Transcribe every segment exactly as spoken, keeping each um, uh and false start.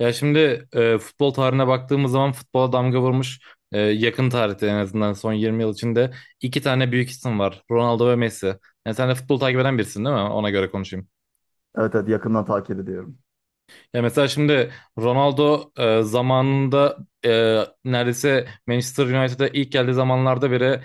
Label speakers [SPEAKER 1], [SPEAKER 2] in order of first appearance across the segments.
[SPEAKER 1] Ya şimdi e, futbol tarihine baktığımız zaman futbola damga vurmuş e, yakın tarihte en azından son yirmi yıl içinde iki tane büyük isim var. Ronaldo ve Messi. Yani sen de futbol takip eden birisin değil mi? Ona göre konuşayım.
[SPEAKER 2] Evet, evet, yakından takip ediyorum.
[SPEAKER 1] Ya mesela şimdi Ronaldo e, zamanında e, neredeyse Manchester United'a ilk geldiği zamanlarda bile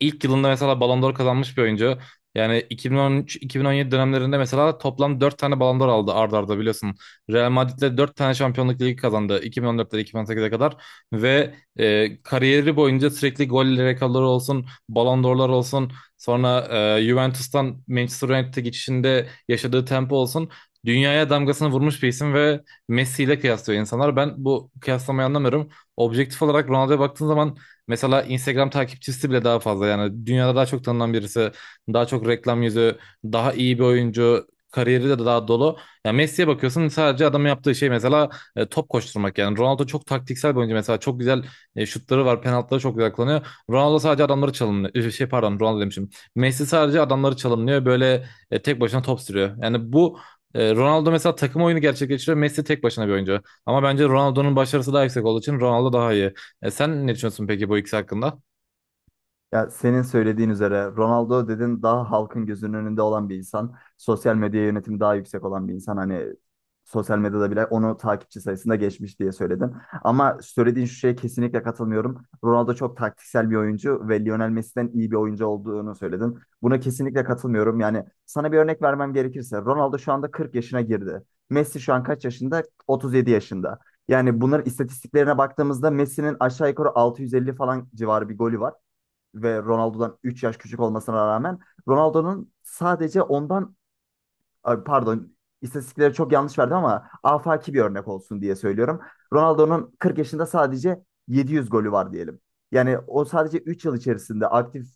[SPEAKER 1] ilk yılında mesela Ballon d'Or kazanmış bir oyuncu. Yani iki bin on üç-iki bin on yedi dönemlerinde mesela toplam dört tane Ballon d'Or aldı arda arda biliyorsun. Real Madrid'le dört tane Şampiyonluk Ligi kazandı iki bin on dörtte iki bin on sekize kadar ve e, kariyeri boyunca sürekli gol rekorları olsun, Ballon d'Or'lar olsun, sonra e, Juventus'tan Manchester United'e geçişinde yaşadığı tempo olsun dünyaya damgasını vurmuş bir isim ve Messi ile kıyaslıyor insanlar. Ben bu kıyaslamayı anlamıyorum. Objektif olarak Ronaldo'ya baktığın zaman mesela Instagram takipçisi bile daha fazla. Yani dünyada daha çok tanınan birisi, daha çok reklam yüzü, daha iyi bir oyuncu, kariyeri de daha dolu. Ya Messi'ye bakıyorsun, sadece adamın yaptığı şey mesela e, top koşturmak yani. Ronaldo çok taktiksel bir oyuncu, mesela çok güzel e, şutları var, penaltıları çok güzel kullanıyor. Ronaldo sadece adamları çalımlıyor. Şey pardon, Ronaldo demişim. Messi sadece adamları çalımlıyor. Böyle e, tek başına top sürüyor. Yani bu e, Ronaldo mesela takım oyunu gerçekleştiriyor. Messi tek başına bir oyuncu. Ama bence Ronaldo'nun başarısı daha yüksek olduğu için Ronaldo daha iyi. E, sen ne düşünüyorsun peki bu ikisi hakkında?
[SPEAKER 2] Ya senin söylediğin üzere Ronaldo dedin, daha halkın gözünün önünde olan bir insan. Sosyal medya yönetimi daha yüksek olan bir insan. Hani sosyal medyada bile onu takipçi sayısında geçmiş diye söyledin. Ama söylediğin şu şeye kesinlikle katılmıyorum. Ronaldo çok taktiksel bir oyuncu ve Lionel Messi'den iyi bir oyuncu olduğunu söyledin. Buna kesinlikle katılmıyorum. Yani sana bir örnek vermem gerekirse Ronaldo şu anda kırk yaşına girdi. Messi şu an kaç yaşında? otuz yedi yaşında. Yani bunların istatistiklerine baktığımızda Messi'nin aşağı yukarı altı yüz elli falan civarı bir golü var ve Ronaldo'dan üç yaş küçük olmasına rağmen Ronaldo'nun sadece ondan Ay, pardon, istatistikleri çok yanlış verdim ama afaki bir örnek olsun diye söylüyorum. Ronaldo'nun kırk yaşında sadece yedi yüz golü var diyelim. Yani o sadece üç yıl içerisinde aktif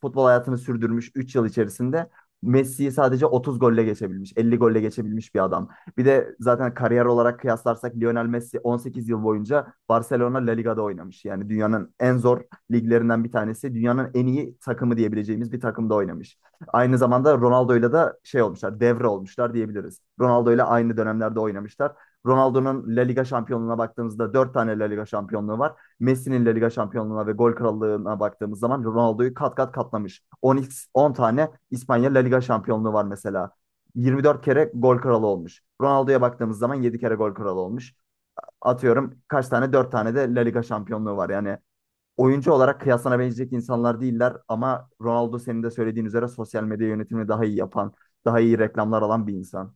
[SPEAKER 2] futbol hayatını sürdürmüş, üç yıl içerisinde Messi'yi sadece otuz golle geçebilmiş, elli golle geçebilmiş bir adam. Bir de zaten kariyer olarak kıyaslarsak Lionel Messi on sekiz yıl boyunca Barcelona La Liga'da oynamış. Yani dünyanın en zor liglerinden bir tanesi, dünyanın en iyi takımı diyebileceğimiz bir takımda oynamış. Aynı zamanda Ronaldo'yla da şey olmuşlar, devre olmuşlar diyebiliriz. Ronaldo'yla aynı dönemlerde oynamışlar. Ronaldo'nun La Liga şampiyonluğuna baktığımızda dört tane La Liga şampiyonluğu var. Messi'nin La Liga şampiyonluğuna ve gol krallığına baktığımız zaman Ronaldo'yu kat kat katlamış. 10, On tane İspanya La Liga şampiyonluğu var mesela. Yirmi dört kere gol kralı olmuş. Ronaldo'ya baktığımız zaman yedi kere gol kralı olmuş. Atıyorum kaç tane? Dört tane de La Liga şampiyonluğu var. Yani oyuncu olarak kıyasına benecek insanlar değiller ama Ronaldo senin de söylediğin üzere sosyal medya yönetimini daha iyi yapan, daha iyi reklamlar alan bir insan.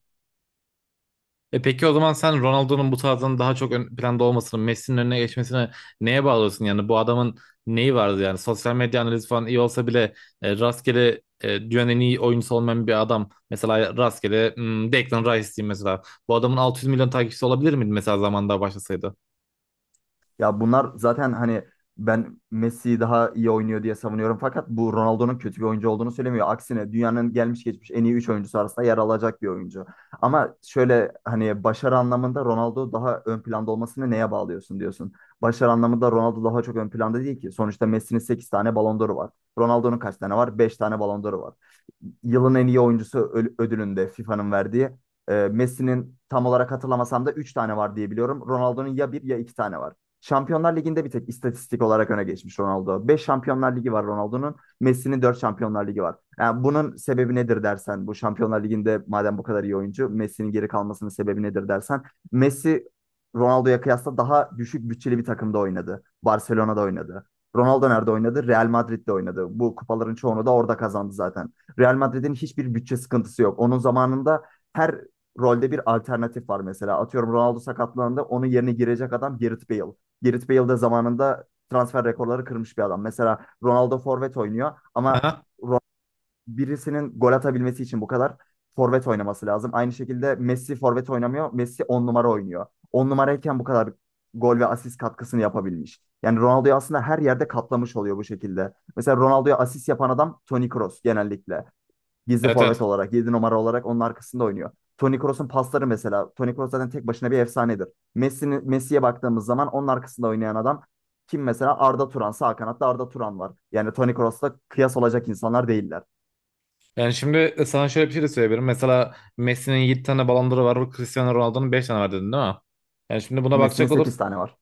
[SPEAKER 1] E peki o zaman sen Ronaldo'nun bu tarzdan daha çok ön planda olmasını, Messi'nin önüne geçmesini neye bağlıyorsun? Yani bu adamın neyi vardı yani? Sosyal medya analizi falan iyi olsa bile e, rastgele, e, dünyanın en iyi oyuncusu olmayan bir adam. Mesela rastgele, hmm, Declan Rice diyeyim mesela. Bu adamın altı yüz milyon takipçisi olabilir miydi mesela zamanda başlasaydı?
[SPEAKER 2] Ya bunlar zaten hani ben Messi daha iyi oynuyor diye savunuyorum. Fakat bu Ronaldo'nun kötü bir oyuncu olduğunu söylemiyor. Aksine dünyanın gelmiş geçmiş en iyi üç oyuncusu arasında yer alacak bir oyuncu. Ama şöyle hani başarı anlamında Ronaldo daha ön planda olmasını neye bağlıyorsun diyorsun. Başarı anlamında Ronaldo daha çok ön planda değil ki. Sonuçta Messi'nin sekiz tane Ballon d'Or'u var. Ronaldo'nun kaç tane var? Beş tane Ballon d'Or'u var. Yılın en iyi oyuncusu ö- ödülünde FIFA'nın verdiği. e, Messi'nin tam olarak hatırlamasam da üç tane var diye biliyorum. Ronaldo'nun ya bir ya iki tane var. Şampiyonlar Ligi'nde bir tek istatistik olarak öne geçmiş Ronaldo. Beş Şampiyonlar Ligi var Ronaldo'nun. Messi'nin dört Şampiyonlar Ligi var. Yani bunun sebebi nedir dersen, bu Şampiyonlar Ligi'nde madem bu kadar iyi oyuncu, Messi'nin geri kalmasının sebebi nedir dersen, Messi Ronaldo'ya kıyasla daha düşük bütçeli bir takımda oynadı. Barcelona'da oynadı. Ronaldo nerede oynadı? Real Madrid'de oynadı. Bu kupaların çoğunu da orada kazandı zaten. Real Madrid'in hiçbir bütçe sıkıntısı yok. Onun zamanında her rolde bir alternatif var mesela. Atıyorum Ronaldo sakatlandı. Onun yerine girecek adam Gareth Bale. Gareth Bale de zamanında transfer rekorları kırmış bir adam. Mesela Ronaldo forvet oynuyor ama
[SPEAKER 1] Aha.
[SPEAKER 2] Ro- birisinin gol atabilmesi için bu kadar forvet oynaması lazım. Aynı şekilde Messi forvet oynamıyor. Messi on numara oynuyor. On numarayken bu kadar gol ve asist katkısını yapabilmiş. Yani Ronaldo'yu aslında her yerde katlamış oluyor bu şekilde. Mesela Ronaldo'ya asist yapan adam Toni Kroos genellikle. Gizli
[SPEAKER 1] Evet, evet.
[SPEAKER 2] forvet olarak, yedi numara olarak onun arkasında oynuyor. Toni Kroos'un pasları mesela. Toni Kroos zaten tek başına bir efsanedir. Messi'nin Messi'ye baktığımız zaman onun arkasında oynayan adam kim mesela? Arda Turan. Sağ kanatta Arda Turan var. Yani Toni Kroos'la kıyas olacak insanlar değiller.
[SPEAKER 1] Yani şimdi e, sana şöyle bir şey de söyleyebilirim. Mesela Messi'nin yedi tane Ballon d'Or'u var. Cristiano Ronaldo'nun beş tane var dedin değil mi? Yani şimdi buna
[SPEAKER 2] Messi'nin
[SPEAKER 1] bakacak olur,
[SPEAKER 2] sekiz tane var.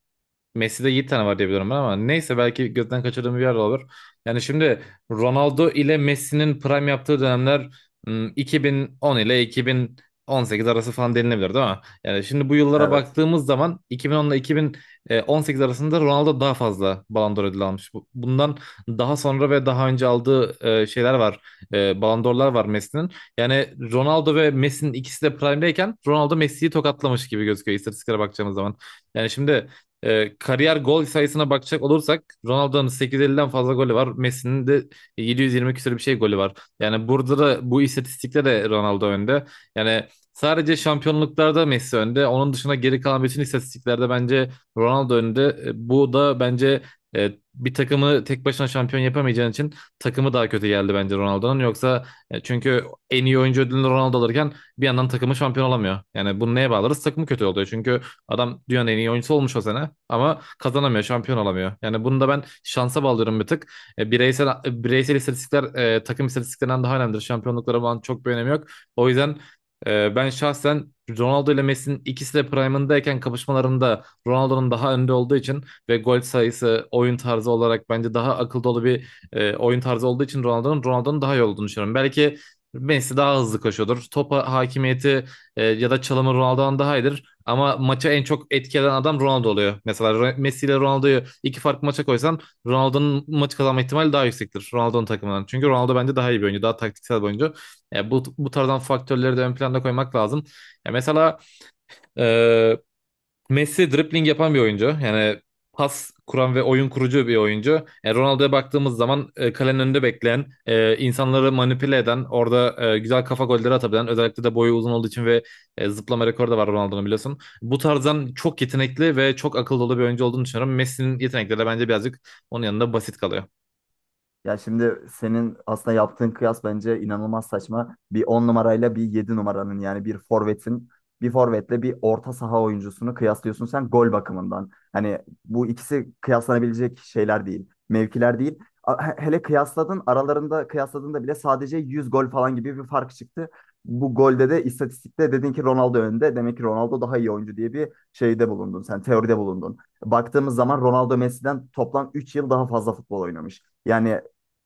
[SPEAKER 1] Messi'de yedi tane var diye biliyorum ben ama neyse, belki gözden kaçırdığım bir yer de olabilir. Yani şimdi Ronaldo ile Messi'nin prime yaptığı dönemler ım, iki bin on ile iki bin on sekiz arası falan denilebilir değil mi? Yani şimdi bu yıllara
[SPEAKER 2] Evet.
[SPEAKER 1] baktığımız zaman iki bin on ile iki bin on sekiz arasında Ronaldo daha fazla Ballon d'Or ödülü almış. Bu- Bundan daha sonra ve daha önce aldığı e, şeyler var. E, Ballon d'Or'lar var Messi'nin. Yani Ronaldo ve Messi'nin ikisi de prime'deyken Ronaldo Messi'yi tokatlamış gibi gözüküyor istatistiklere bakacağımız zaman. Yani şimdi ee, kariyer gol sayısına bakacak olursak Ronaldo'nun sekiz yüz elliden fazla golü var. Messi'nin de yedi yüz yirmi küsur bir şey golü var. Yani burada da, bu istatistikte de Ronaldo önde. Yani sadece şampiyonluklarda Messi önde. Onun dışında geri kalan bütün istatistiklerde bence Ronaldo önde. E, bu da bence e, bir takımı tek başına şampiyon yapamayacağın için takımı daha kötü geldi bence Ronaldo'nun. Yoksa e, çünkü en iyi oyuncu ödülünü Ronaldo alırken bir yandan takımı şampiyon olamıyor. Yani bunu neye bağlarız? Takımı kötü oluyor. Çünkü adam dünyanın en iyi oyuncusu olmuş o sene ama kazanamıyor, şampiyon olamıyor. Yani bunu da ben şansa bağlıyorum bir tık. E, bireysel e, bireysel istatistikler e, takım istatistiklerinden daha önemlidir. Şampiyonluklara bağlı çok bir önemi yok. O yüzden e, ben şahsen Ronaldo ile Messi'nin ikisi de prime'ındayken kapışmalarında Ronaldo'nun daha önde olduğu için ve gol sayısı, oyun tarzı olarak bence daha akıl dolu bir e, oyun tarzı olduğu için Ronaldo'nun Ronaldo'nun daha iyi olduğunu düşünüyorum. Belki Messi daha hızlı koşuyordur. Topa hakimiyeti e, ya da çalımı Ronaldo'dan daha iyidir. Ama maçı en çok etkileyen adam Ronaldo oluyor. Mesela Messi ile Ronaldo'yu iki farklı maça koysan Ronaldo'nun maçı kazanma ihtimali daha yüksektir. Ronaldo'nun takımından. Çünkü Ronaldo bence daha iyi bir oyuncu. Daha taktiksel bir oyuncu. Ya bu, bu tarzdan faktörleri de ön planda koymak lazım. Ya mesela e, Messi dribbling yapan bir oyuncu. Yani pas kuran ve oyun kurucu bir oyuncu. E, Ronaldo'ya baktığımız zaman e, kalenin önünde bekleyen, e, insanları manipüle eden, orada e, güzel kafa golleri atabilen, özellikle de boyu uzun olduğu için ve e, zıplama rekoru da var Ronaldo'nun, biliyorsun. Bu tarzdan çok yetenekli ve çok akıllı dolu bir oyuncu olduğunu düşünüyorum. Messi'nin yetenekleri de bence birazcık onun yanında basit kalıyor.
[SPEAKER 2] Ya şimdi senin aslında yaptığın kıyas bence inanılmaz saçma. Bir on numarayla bir yedi numaranın yani bir forvetin bir forvetle bir orta saha oyuncusunu kıyaslıyorsun sen gol bakımından. Hani bu ikisi kıyaslanabilecek şeyler değil, mevkiler değil. A- he- Hele kıyasladın aralarında kıyasladığında bile sadece yüz gol falan gibi bir fark çıktı. Bu golde de istatistikte dedin ki Ronaldo önde. Demek ki Ronaldo daha iyi oyuncu diye bir şeyde bulundun. Sen teoride bulundun. Baktığımız zaman Ronaldo Messi'den toplam üç yıl daha fazla futbol oynamış. Yani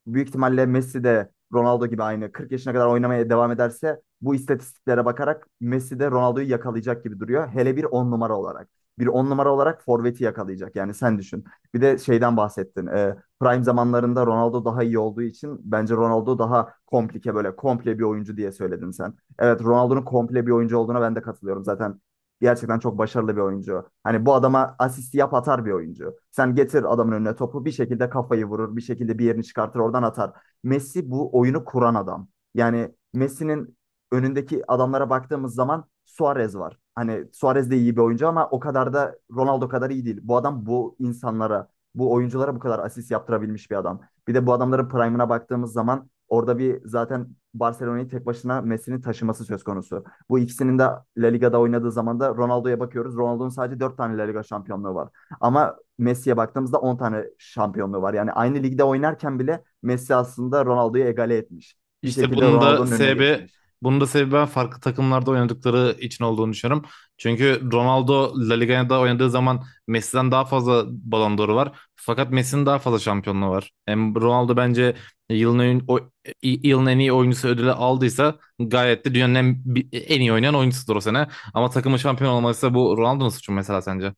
[SPEAKER 2] büyük ihtimalle Messi de Ronaldo gibi aynı kırk yaşına kadar oynamaya devam ederse bu istatistiklere bakarak Messi de Ronaldo'yu yakalayacak gibi duruyor. Hele bir on numara olarak. Bir on numara olarak forveti yakalayacak. Yani sen düşün. Bir de şeyden bahsettin. Ee, prime zamanlarında Ronaldo daha iyi olduğu için bence Ronaldo daha komplike böyle komple bir oyuncu diye söyledin sen. Evet, Ronaldo'nun komple bir oyuncu olduğuna ben de katılıyorum. Zaten gerçekten çok başarılı bir oyuncu. Hani bu adama asist yap atar bir oyuncu. Sen getir adamın önüne topu, bir şekilde kafayı vurur, bir şekilde bir yerini çıkartır oradan atar. Messi bu oyunu kuran adam. Yani Messi'nin önündeki adamlara baktığımız zaman Suarez var. Hani Suarez de iyi bir oyuncu ama o kadar da Ronaldo kadar iyi değil. Bu adam bu insanlara, bu oyunculara bu kadar asist yaptırabilmiş bir adam. Bir de bu adamların prime'ına baktığımız zaman orada bir zaten Barcelona'yı tek başına Messi'nin taşıması söz konusu. Bu ikisinin de La Liga'da oynadığı zaman da Ronaldo'ya bakıyoruz. Ronaldo'nun sadece dört tane La Liga şampiyonluğu var. Ama Messi'ye baktığımızda on tane şampiyonluğu var. Yani aynı ligde oynarken bile Messi aslında Ronaldo'yu egale etmiş. Bir
[SPEAKER 1] İşte
[SPEAKER 2] şekilde
[SPEAKER 1] bunun da
[SPEAKER 2] Ronaldo'nun önüne
[SPEAKER 1] sebebi
[SPEAKER 2] geçmiş.
[SPEAKER 1] bunun da sebebi ben farklı takımlarda oynadıkları için olduğunu düşünüyorum. Çünkü Ronaldo La Liga'da oynadığı zaman Messi'den daha fazla Ballon d'Or'u var. Fakat Messi'nin daha fazla şampiyonluğu var. Hem Ronaldo bence yılın en, o- yılın en iyi oyuncusu ödülü aldıysa gayet de dünyanın en, en iyi oynayan oyuncusudur o sene. Ama takımın şampiyon olmalıysa bu Ronaldo'nun suçu mu mesela sence?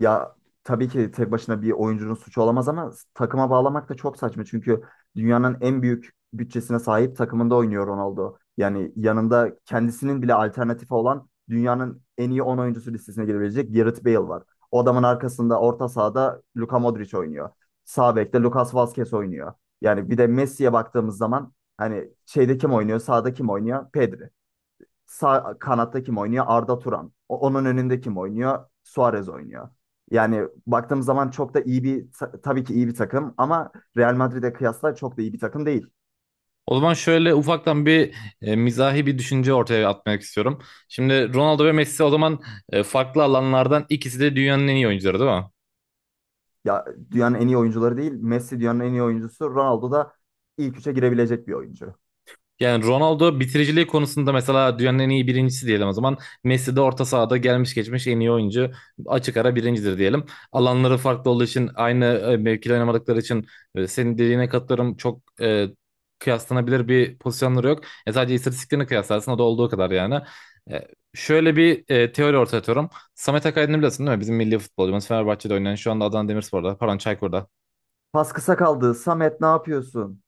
[SPEAKER 2] Ya tabii ki tek başına bir oyuncunun suçu olamaz ama takıma bağlamak da çok saçma. Çünkü dünyanın en büyük bütçesine sahip takımında oynuyor Ronaldo. Yani yanında kendisinin bile alternatifi olan dünyanın en iyi on oyuncusu listesine girebilecek Gareth Bale var. O adamın arkasında orta sahada Luka Modric oynuyor. Sağ bekte Lucas Vazquez oynuyor. Yani bir de Messi'ye baktığımız zaman hani şeyde kim oynuyor, sağda kim oynuyor? Pedri. Sağ kanatta kim oynuyor? Arda Turan. O- onun önünde kim oynuyor? Suarez oynuyor. Yani baktığımız zaman çok da iyi bir ta- tabii ki iyi bir takım ama Real Madrid'e kıyasla çok da iyi bir takım değil.
[SPEAKER 1] O zaman şöyle ufaktan bir e, mizahi bir düşünce ortaya atmak istiyorum. Şimdi Ronaldo ve Messi o zaman e, farklı alanlardan ikisi de dünyanın en iyi oyuncuları değil mi?
[SPEAKER 2] Ya dünyanın en iyi oyuncuları değil. Messi dünyanın en iyi oyuncusu. Ronaldo da ilk üçe girebilecek bir oyuncu.
[SPEAKER 1] Yani Ronaldo bitiriciliği konusunda mesela dünyanın en iyi birincisi diyelim o zaman. Messi de orta sahada gelmiş geçmiş en iyi oyuncu. Açık ara birincidir diyelim. Alanları farklı olduğu için aynı e, mevkide oynamadıkları için e, senin dediğine katılıyorum. Çok e, kıyaslanabilir bir pozisyonları yok. E, sadece istatistiklerini kıyaslarsın, o da olduğu kadar yani. E, Şöyle bir e, teori ortaya atıyorum. Samet Akaydın'ı biliyorsun değil mi? Bizim milli futbolcumuz, Fenerbahçe'de oynayan, şu anda Adana Demirspor'da pardon Çaykur'da.
[SPEAKER 2] Pas kısa kaldı. Samet ne yapıyorsun?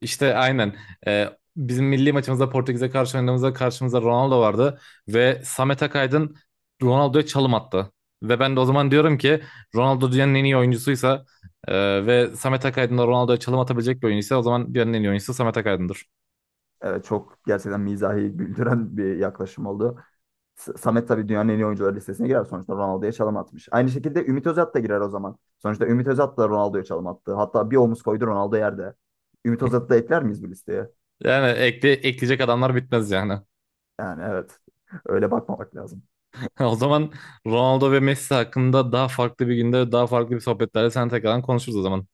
[SPEAKER 1] İşte aynen. Ee, Bizim milli maçımızda Portekiz'e karşı oynadığımızda karşımızda Ronaldo vardı ve Samet Akaydın Ronaldo'ya çalım attı. Ve ben de o zaman diyorum ki Ronaldo dünyanın en iyi oyuncusuysa e, ve Samet Akaydın da Ronaldo'ya çalım atabilecek bir oyuncuysa o zaman dünyanın en iyi oyuncusu Samet Akaydın'dır.
[SPEAKER 2] Evet, çok gerçekten mizahi güldüren bir yaklaşım oldu. S- Samet tabii dünyanın en iyi oyuncuları listesine girer. Sonuçta Ronaldo'ya çalım atmış. Aynı şekilde Ümit Özat da girer o zaman. Sonuçta Ümit Özat da Ronaldo'ya çalım attı. Hatta bir omuz koydu Ronaldo yerde. Ümit Özat'ı da ekler miyiz bu listeye?
[SPEAKER 1] Yani ekle, ekleyecek adamlar bitmez yani.
[SPEAKER 2] Yani evet. Öyle bakmamak lazım.
[SPEAKER 1] O zaman Ronaldo ve Messi hakkında daha farklı bir günde daha farklı bir sohbetlerle sen tekrardan konuşuruz o zaman.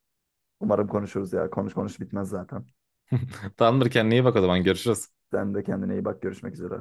[SPEAKER 2] Umarım konuşuruz ya. Konuş konuş bitmez zaten.
[SPEAKER 1] Tamamdır, kendine iyi bak, o zaman görüşürüz.
[SPEAKER 2] Sen de kendine iyi bak. Görüşmek üzere.